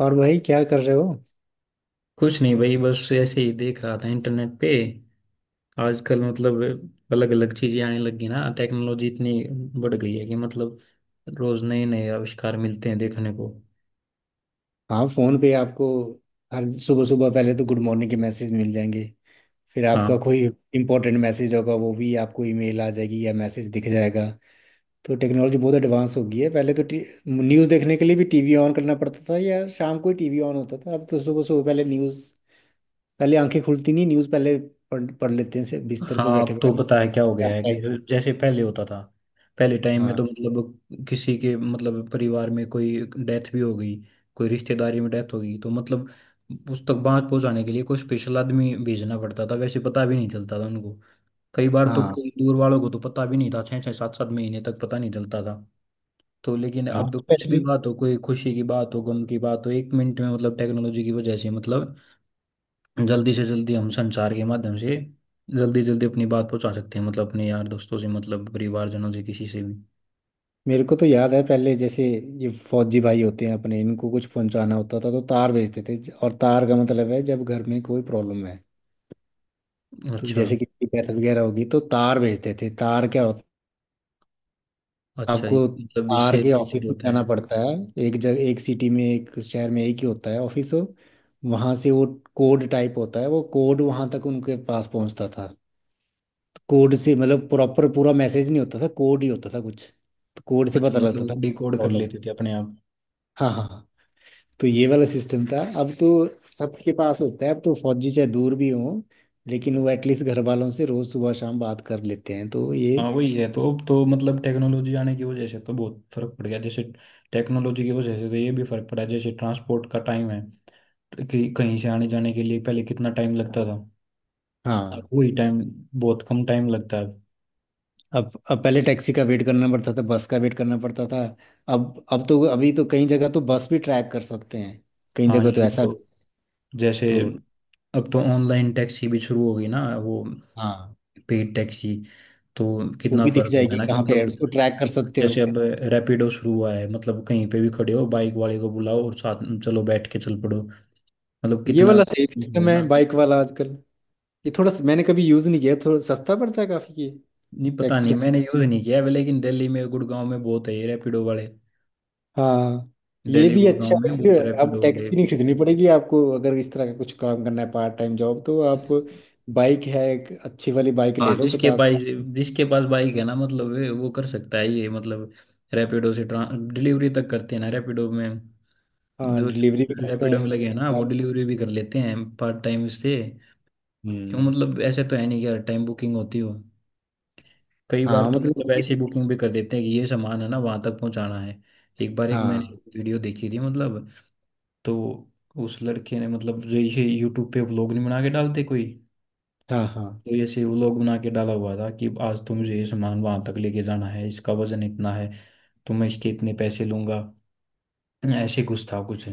और भाई क्या कर रहे हो? कुछ नहीं भाई, बस ऐसे ही देख रहा था इंटरनेट पे। आजकल मतलब अलग अलग चीजें आने लगी ना, टेक्नोलॉजी इतनी बढ़ गई है कि मतलब रोज नए नए आविष्कार मिलते हैं देखने को। हाँ, फोन पे आपको हर सुबह सुबह पहले तो गुड मॉर्निंग के मैसेज मिल जाएंगे। फिर हाँ। आपका कोई इंपॉर्टेंट मैसेज होगा, वो भी आपको ईमेल आ जाएगी या मैसेज दिख जाएगा। तो टेक्नोलॉजी बहुत एडवांस हो गई है। पहले तो न्यूज़ देखने के लिए भी टीवी ऑन करना पड़ता था या शाम को ही टीवी ऑन होता था। अब तो सुबह सुबह पहले न्यूज़, पहले आंखें खुलती नहीं न्यूज़ पहले पढ़ पढ़ लेते हैं से बिस्तर पे हाँ बैठे अब तो बैठे। पता है क्या हो गया है कि जैसे पहले होता था, पहले टाइम में हाँ, तो मतलब किसी के मतलब परिवार में कोई डेथ भी हो गई, कोई रिश्तेदारी में डेथ हो गई तो मतलब उस तक बात पहुंचाने के लिए कोई स्पेशल आदमी भेजना पड़ता था, वैसे पता भी नहीं चलता था उनको। कई बार तो हाँ, कई दूर वालों को तो पता भी नहीं था, 6 6 7 7 महीने तक पता नहीं चलता था। तो लेकिन हाँ, अब कुछ भी स्पेशली। बात हो, कोई खुशी की बात हो गम की बात हो, 1 मिनट में मतलब टेक्नोलॉजी की वजह से मतलब जल्दी से जल्दी हम संचार के माध्यम से जल्दी जल्दी अपनी बात पहुंचा सकते हैं, मतलब अपने यार दोस्तों से मतलब परिवारजनों से किसी से भी। मेरे को तो याद है पहले, जैसे ये फौजी भाई होते हैं अपने, इनको कुछ पहुंचाना होता था तो तार भेजते थे। और तार का मतलब है जब घर में कोई प्रॉब्लम है, तो अच्छा। जैसे किसी की डेथ वगैरह होगी तो तार भेजते थे। तार क्या होता, अच्छा ये आपको मतलब तार इससे के ऑफिस रिलेटेड में होता जाना है। पड़ता है। एक जगह, एक सिटी में, एक शहर में एक ही होता है ऑफिस हो। वहां से वो कोड टाइप होता है, वो कोड वहां तक उनके पास पहुंचता था। तो कोड से मतलब प्रॉपर पूरा मैसेज नहीं होता था, कोड ही होता था कुछ। तो कोड से अच्छा पता मतलब लगता था वो डिकोड कर प्रॉब्लम। लेते थे अपने आप। हाँ, हाँ, हाँ। तो ये वाला सिस्टम था। अब तो सबके पास होता है। अब तो फौजी चाहे दूर भी हो, लेकिन वो एटलीस्ट घर वालों से रोज सुबह शाम बात कर लेते हैं। तो ये, हाँ वही है, तो अब तो मतलब टेक्नोलॉजी आने की वजह से तो बहुत फर्क पड़ गया। जैसे टेक्नोलॉजी की वजह से तो ये भी फर्क पड़ा, जैसे ट्रांसपोर्ट का टाइम है तो कि कहीं से आने जाने के लिए पहले कितना टाइम लगता था, अब हाँ। वही टाइम बहुत कम टाइम लगता है। अब पहले टैक्सी का वेट करना पड़ता था, बस का वेट करना पड़ता था। अब तो अभी तो कई जगह तो बस भी ट्रैक कर सकते हैं। कई हाँ जगह तो यही ऐसा, तो। जैसे तो अब तो ऑनलाइन टैक्सी भी शुरू हो गई ना, वो हाँ। Paid taxi. तो वो कितना भी दिख फर्क होगा जाएगी ना कि कहाँ पे है, मतलब उसको ट्रैक कर सकते हो। जैसे अब रैपिडो शुरू हुआ है, मतलब कहीं पे भी खड़े हो बाइक वाले को बुलाओ और साथ में चलो बैठ के चल पड़ो। मतलब ये कितना वाला सही हो सिस्टम गया है, ना। बाइक वाला आजकल। ये थोड़ा मैंने कभी यूज नहीं किया, थोड़ा सस्ता पड़ता है काफी ये। नहीं पता टैक्सी नहीं, मैंने टुक्सी, यूज नहीं किया है, लेकिन दिल्ली में गुड़गांव में बहुत है ये रैपिडो वाले। हाँ। ये दिल्ली भी गुड़गांव अच्छा में है कि बहुत अब रैपिडो वाले। टैक्सी नहीं खरीदनी पड़ेगी आपको। अगर इस तरह का कुछ काम करना है पार्ट टाइम जॉब, तो आप बाइक है, एक अच्छी वाली बाइक ले हाँ लो 50। जिसके पास बाइक है ना, मतलब वो कर सकता है ये। मतलब रैपिडो से ट्रां डिलीवरी तक करते हैं ना रैपिडो में। हाँ, जो डिलीवरी भी करते रैपिडो में लगे हैं हैं। ना वो डिलीवरी भी कर लेते हैं पार्ट टाइम से। क्यों हम्म, मतलब ऐसे तो है नहीं कि हर टाइम बुकिंग होती हो। कई बार हाँ तो मतलब मतलब ऐसी बुकिंग भी कर देते हैं कि ये सामान है ना वहां तक पहुंचाना है। एक बार एक मैंने हाँ, वीडियो देखी थी मतलब, तो उस लड़के ने मतलब जो ये यूट्यूब पे व्लॉग नहीं बना के डालते कोई, हाँ, हाँ, तो ऐसे व्लॉग बना के डाला हुआ था कि आज तुम ये सामान वहां तक लेके जाना है, इसका वजन इतना है तो मैं इसके इतने पैसे लूंगा, ऐसे कुछ था कुछ।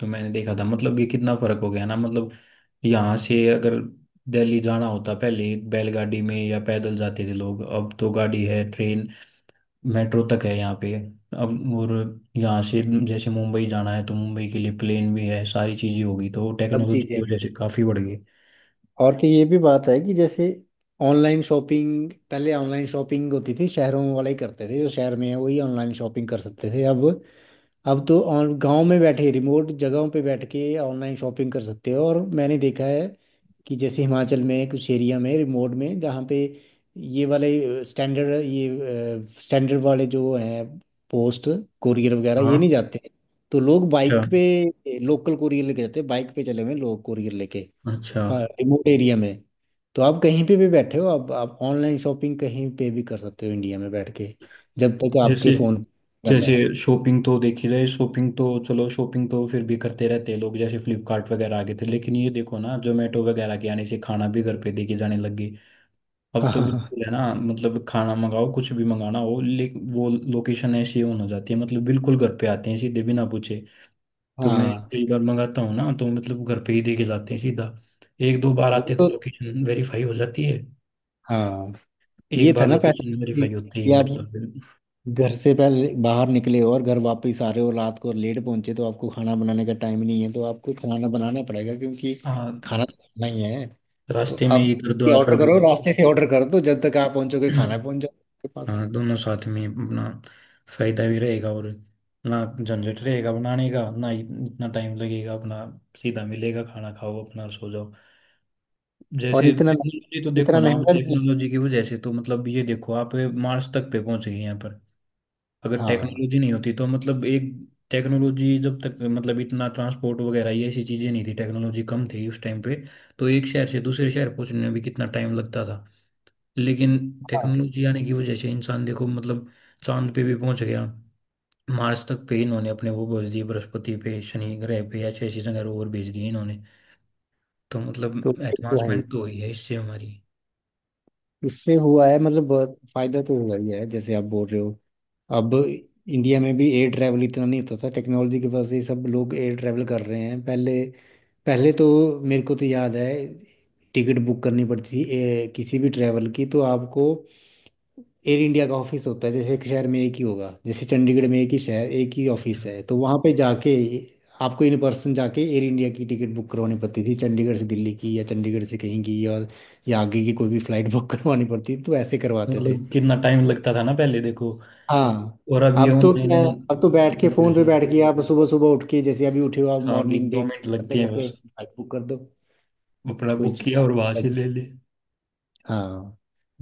तो मैंने देखा था मतलब ये कितना फर्क हो गया ना। मतलब यहाँ से अगर दिल्ली जाना होता पहले बैलगाड़ी में या पैदल जाते थे लोग, अब तो गाड़ी है ट्रेन, मेट्रो तक है यहाँ पे अब। और यहाँ से जैसे मुंबई जाना है तो मुंबई के लिए प्लेन भी है, सारी चीजें होगी, तो सब टेक्नोलॉजी चीजें की वजह हैं। से काफी बढ़ गई। और कि ये भी बात है कि जैसे ऑनलाइन शॉपिंग, पहले ऑनलाइन शॉपिंग होती थी शहरों वाले ही करते थे, जो शहर में है वही ऑनलाइन शॉपिंग कर सकते थे। अब तो ऑन गांव में बैठे, रिमोट जगहों पे बैठ के ऑनलाइन शॉपिंग कर सकते हो। और मैंने देखा है कि जैसे हिमाचल में कुछ एरिया में, रिमोट में, जहाँ पे ये वाले ये स्टैंडर्ड वाले जो हैं, पोस्ट कोरियर वगैरह हाँ। ये नहीं जाते। तो लोग अच्छा बाइक पे लोकल कोरियर लेके जाते हैं, बाइक पे चले हुए हैं लोग कोरियर लेके अच्छा। रिमोट एरिया में। तो आप कहीं पे भी बैठे हो, अब आप ऑनलाइन शॉपिंग कहीं पे भी कर सकते हो इंडिया में बैठ के, जब तक आपके जैसे फोन पे जैसे शॉपिंग तो देखी जाए, शॉपिंग तो चलो शॉपिंग तो फिर भी करते रहते हैं लोग, जैसे फ्लिपकार्ट वगैरह आ गए थे, लेकिन ये देखो ना जोमेटो वगैरह के आने से खाना भी घर पे देके जाने लग गई। अब तो है। बिल्कुल है ना, मतलब खाना मंगाओ कुछ भी मंगाना हो, लेकिन वो लोकेशन ऐसी ऑन हो जाती है मतलब बिल्कुल घर पे आते हैं सीधे बिना पूछे। तो मैं हाँ, कई बार मंगाता हूँ ना तो मतलब घर पे ही देके जाते हैं सीधा। एक दो बार वो आते तो तो, लोकेशन वेरीफाई हो जाती है। हाँ। एक ये था बार ना पहले, लोकेशन कि वेरीफाई होती है यार मतलब। घर से पहले बाहर निकले हो और घर वापस आ रहे हो रात को लेट पहुंचे तो आपको खाना बनाने का टाइम नहीं है, तो आपको खाना बनाना पड़ेगा क्योंकि हाँ खाना तो खाना ही है। तो रास्ते में ही आप कर दो आप ऑर्डर करो, ऑर्डर। रास्ते से ऑर्डर कर दो, जब तक आप पहुंचोगे खाना पहुंच जाओगे आपके पास। हाँ दोनों साथ में अपना फायदा भी रहेगा, और ना झंझट रहेगा बनाने का, ना इतना टाइम लगेगा अपना, सीधा मिलेगा खाना खाओ अपना सो जाओ। और जैसे इतना टेक्नोलॉजी तो देखो इतना ना, अब महंगा भी नहीं। टेक्नोलॉजी की वजह से तो मतलब ये देखो आप मार्स तक पे पहुंच गए हैं यहाँ पर। अगर हाँ, टेक्नोलॉजी नहीं होती तो मतलब एक टेक्नोलॉजी जब तक मतलब इतना ट्रांसपोर्ट वगैरह ये ऐसी चीजें नहीं थी, टेक्नोलॉजी कम थी उस टाइम पे, तो एक शहर से दूसरे शहर पहुंचने में भी कितना टाइम लगता था। लेकिन हाँ। टेक्नोलॉजी आने की वजह से इंसान देखो, मतलब चांद पे भी पहुंच गया, मार्स तक पे इन्होंने अपने वो भेज दिए, बृहस्पति पे शनि ग्रह पे ऐसे ऐसी जगह रोवर भेज दिए इन्होंने। तो तो मतलब ये तो है, एडवांसमेंट तो हुई है इससे हमारी। इससे हुआ है मतलब बहुत फायदा तो हुआ ही है, जैसे आप बोल रहे हो। अब इंडिया में भी एयर ट्रैवल इतना नहीं होता था, टेक्नोलॉजी की वजह से ही सब लोग एयर ट्रैवल कर रहे हैं। पहले, पहले तो मेरे को तो याद है, टिकट बुक करनी पड़ती थी ए, किसी भी ट्रैवल की तो आपको एयर इंडिया का ऑफिस होता है, जैसे एक शहर में एक ही होगा, जैसे चंडीगढ़ में एक ही शहर, एक ही ऑफिस मतलब है, तो वहाँ पे जाके आपको इन पर्सन जाके एयर इंडिया की टिकट बुक करवानी पड़ती थी चंडीगढ़ से दिल्ली की, या चंडीगढ़ से कहीं की, या आगे की कोई भी फ्लाइट बुक करवानी पड़ती थी। तो ऐसे तो करवाते थे। मतलब कितना टाइम लगता था ना पहले देखो, हाँ। और अब ये अब तो ऑनलाइन क्या है, अब तो बैठ के की वजह फोन पे से। बैठ के आप सुबह सुबह उठ के जैसे अभी उठे हो आप, हाँ अभी मॉर्निंग दो ब्रेक मिनट करते लगते हैं करते बस, फ्लाइट बुक कर दो अपना कोई बुक किया चीज़। और वहां से ले ले। हाँ।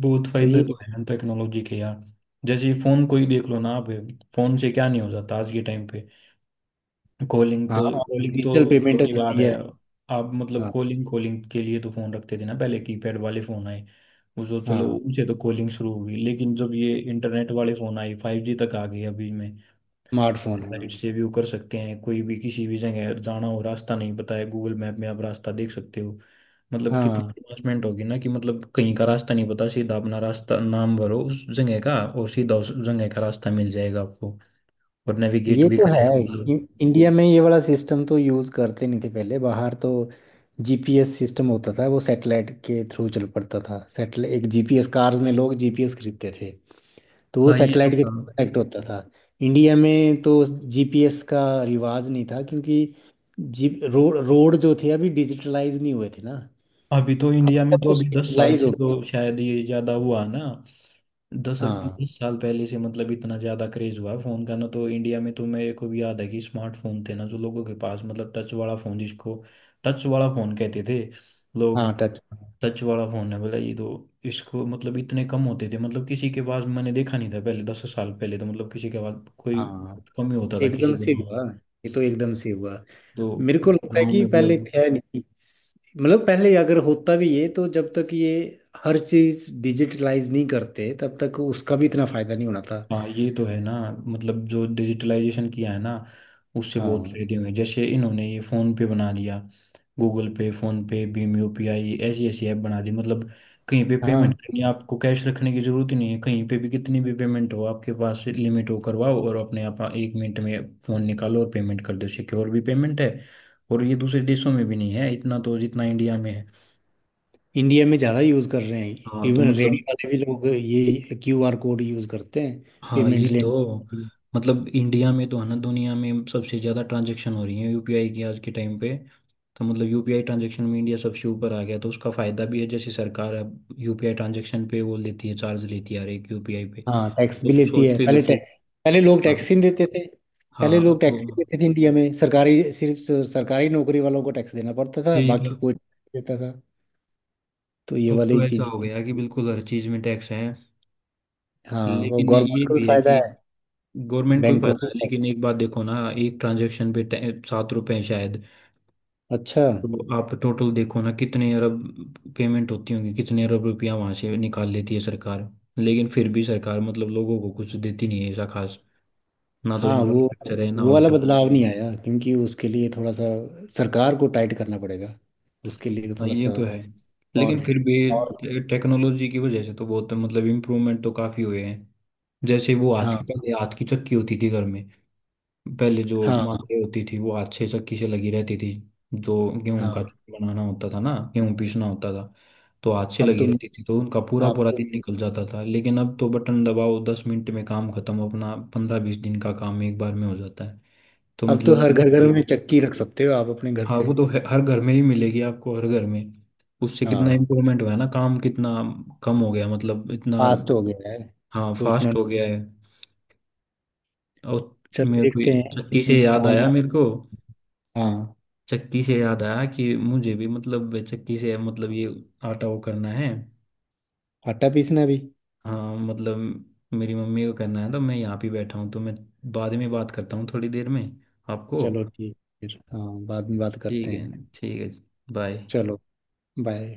बहुत तो फायदा ये, तो है टेक्नोलॉजी के यार। जैसे फोन कोई देख लो ना आप, फोन से क्या नहीं हो जाता आज के टाइम पे। हाँ, कॉलिंग तो डिजिटल पेमेंट हो छोटी बात जाती है। है। आप मतलब हाँ, कॉलिंग कॉलिंग के लिए तो फोन रखते थे ना पहले, कीपैड वाले फोन आए, उसको चलो हाँ, उनसे तो कॉलिंग शुरू हुई, लेकिन जब ये इंटरनेट वाले फोन आए 5G तक आ गए अभी में, स्मार्टफोन, लाइट हाँ। से व्यू कर सकते हैं, कोई भी किसी भी जगह जाना हो रास्ता नहीं पता है गूगल मैप में आप रास्ता देख सकते हो। मतलब कितनी हाँ, एडवांसमेंट होगी ना कि मतलब कहीं का रास्ता नहीं पता, सीधा अपना रास्ता नाम भरो उस जगह का और सीधा उस जगह का रास्ता मिल जाएगा आपको, और नेविगेट ये भी तो करेगा है। मतलब। इंडिया में ये वाला सिस्टम तो यूज़ करते नहीं थे, पहले बाहर तो जीपीएस सिस्टम होता था, वो सैटेलाइट के थ्रू चल पड़ता था, सैटेलाइट एक जीपीएस कार्स में लोग जीपीएस खरीदते थे, तो वो हाँ ये तो सैटेलाइट के था। थ्रू कनेक्ट होता था। इंडिया में तो जीपीएस का रिवाज नहीं था क्योंकि जी, रोड रोड जो थे अभी डिजिटलाइज नहीं हुए थे ना। अभी तो अब इंडिया में सब तो कुछ अभी 10 साल डिजिटलाइज से हो गया। तो शायद ये ज्यादा हुआ ना। दस हाँ, दस साल पहले से मतलब इतना ज्यादा क्रेज हुआ है फोन का ना, तो इंडिया में तो मेरे को भी याद है कि स्मार्टफोन थे ना जो लोगों के पास, मतलब टच वाला फोन जिसको टच वाला फोन कहते थे लोग, हाँ, टच, टच वाला फोन है बोला ये तो, इसको मतलब इतने कम होते थे, मतलब किसी के पास मैंने देखा नहीं था पहले, 10 साल पहले तो मतलब किसी के पास कोई हाँ। कम ही होता था किसी एकदम के से पास। हुआ, ये तो एकदम से हुआ। तो मेरे को लगता है गाँव कि में भी पहले अब। था नहीं, मतलब पहले अगर होता भी ये, तो जब तक ये हर चीज डिजिटलाइज नहीं करते तब तक उसका भी इतना फायदा नहीं होना था। हाँ ये तो है ना। मतलब जो डिजिटलाइजेशन किया है ना उससे बहुत हाँ, फायदे हुए, जैसे इन्होंने ये फोन पे बना दिया गूगल पे फोन पे भीम यूपीआई ऐसी ऐसी ऐप बना दी, मतलब कहीं पे पेमेंट हाँ। करनी है आपको कैश रखने की जरूरत ही नहीं है, कहीं पे भी कितनी भी पेमेंट हो आपके पास लिमिट हो करवाओ और अपने आप 1 मिनट में फोन निकालो और पेमेंट कर दो, सिक्योर भी पेमेंट है, और ये दूसरे देशों में भी नहीं है इतना तो जितना इंडिया में है। इंडिया में ज़्यादा यूज़ कर रहे हैं। हाँ तो इवन रेडी मतलब। वाले भी लोग ये क्यूआर कोड यूज़ करते हैं हाँ पेमेंट ये तो। लेने। मतलब इंडिया में तो है ना, दुनिया में सबसे ज़्यादा ट्रांजैक्शन हो रही है यूपीआई की आज के टाइम पे। तो मतलब यूपीआई ट्रांजैक्शन में इंडिया सबसे ऊपर आ गया, तो उसका फ़ायदा भी है, जैसे सरकार अब यूपीआई ट्रांजैक्शन पे वो लेती है चार्ज लेती है हर एक यूपीआई पे। हाँ, टैक्स भी तो लेती सोच है, के पहले देखो। टैक्स, पहले लोग टैक्स हाँ। ही नहीं देते थे। हाँ पहले लोग अब तो टैक्स ही नहीं देते थे इंडिया में, सरकारी सिर्फ सरकारी नौकरी वालों को टैक्स देना पड़ता था, यही था। बाकी कोई नहीं देता था। तो ये अब वाली तो ऐसा चीज़ें, हो गया कि बिल्कुल हर चीज़ में टैक्स है। हाँ। वो लेकिन ये गवर्नमेंट को भी भी है फायदा कि है, गवर्नमेंट को भी बैंकों फायदा को है, भी लेकिन एक बात देखो ना एक ट्रांजैक्शन पे 7 रुपए हैं शायद। फायदा है। अच्छा, तो आप टोटल देखो ना कितने अरब पेमेंट होती होंगी, कितने अरब रुपया वहां से निकाल लेती है सरकार। लेकिन फिर भी सरकार मतलब लोगों को कुछ देती नहीं है ऐसा खास, ना तो हाँ, इंफ्रास्ट्रक्चर है ना वो और वाला कुछ। बदलाव नहीं आया क्योंकि उसके लिए थोड़ा सा सरकार को टाइट करना पड़ेगा। उसके लिए तो हाँ थोड़ा ये सा, तो है। और लेकिन फिर और, भी टेक्नोलॉजी की वजह से तो बहुत मतलब इम्प्रूवमेंट तो काफी हुए हैं, जैसे वो हाथ हाँ, की पहले हाथ की चक्की होती थी घर में। पहले जो हाँ, माथे होती थी वो हाथ से चक्की से लगी रहती थी, जो गेहूं का हाँ। चूर बनाना होता था ना गेहूं पीसना होता था तो हाथ से अब लगी तुम, रहती थी, तो उनका पूरा आप पूरा तो, दिन निकल जाता था, लेकिन अब तो बटन दबाओ 10 मिनट में काम खत्म, अपना 15-20 दिन का काम एक बार में हो जाता है। तो अब तो मतलब हर घर घर ये। में चक्की रख सकते हो आप अपने घर हाँ पे। वो तो है, हर घर में ही मिलेगी आपको, हर घर में। उससे कितना हाँ, इम्प्रूवमेंट हुआ है ना, काम कितना कम हो गया मतलब इतना। फास्ट हो गया है। हाँ सोचना, फास्ट हो गया है। और चलो मेरे को ये देखते हैं चक्की से याद कहाँ ले। आया, मेरे को हाँ, चक्की से याद आया कि मुझे भी मतलब चक्की से मतलब ये आटा वो करना है। आटा पीसना भी। हाँ मतलब मेरी मम्मी को करना है तो मैं यहाँ पे बैठा हूँ, तो मैं बाद में बात करता हूँ थोड़ी देर में आपको। चलो ठीक, फिर हाँ, बाद में बात करते ठीक हैं। है ठीक है। बाय। चलो, बाय।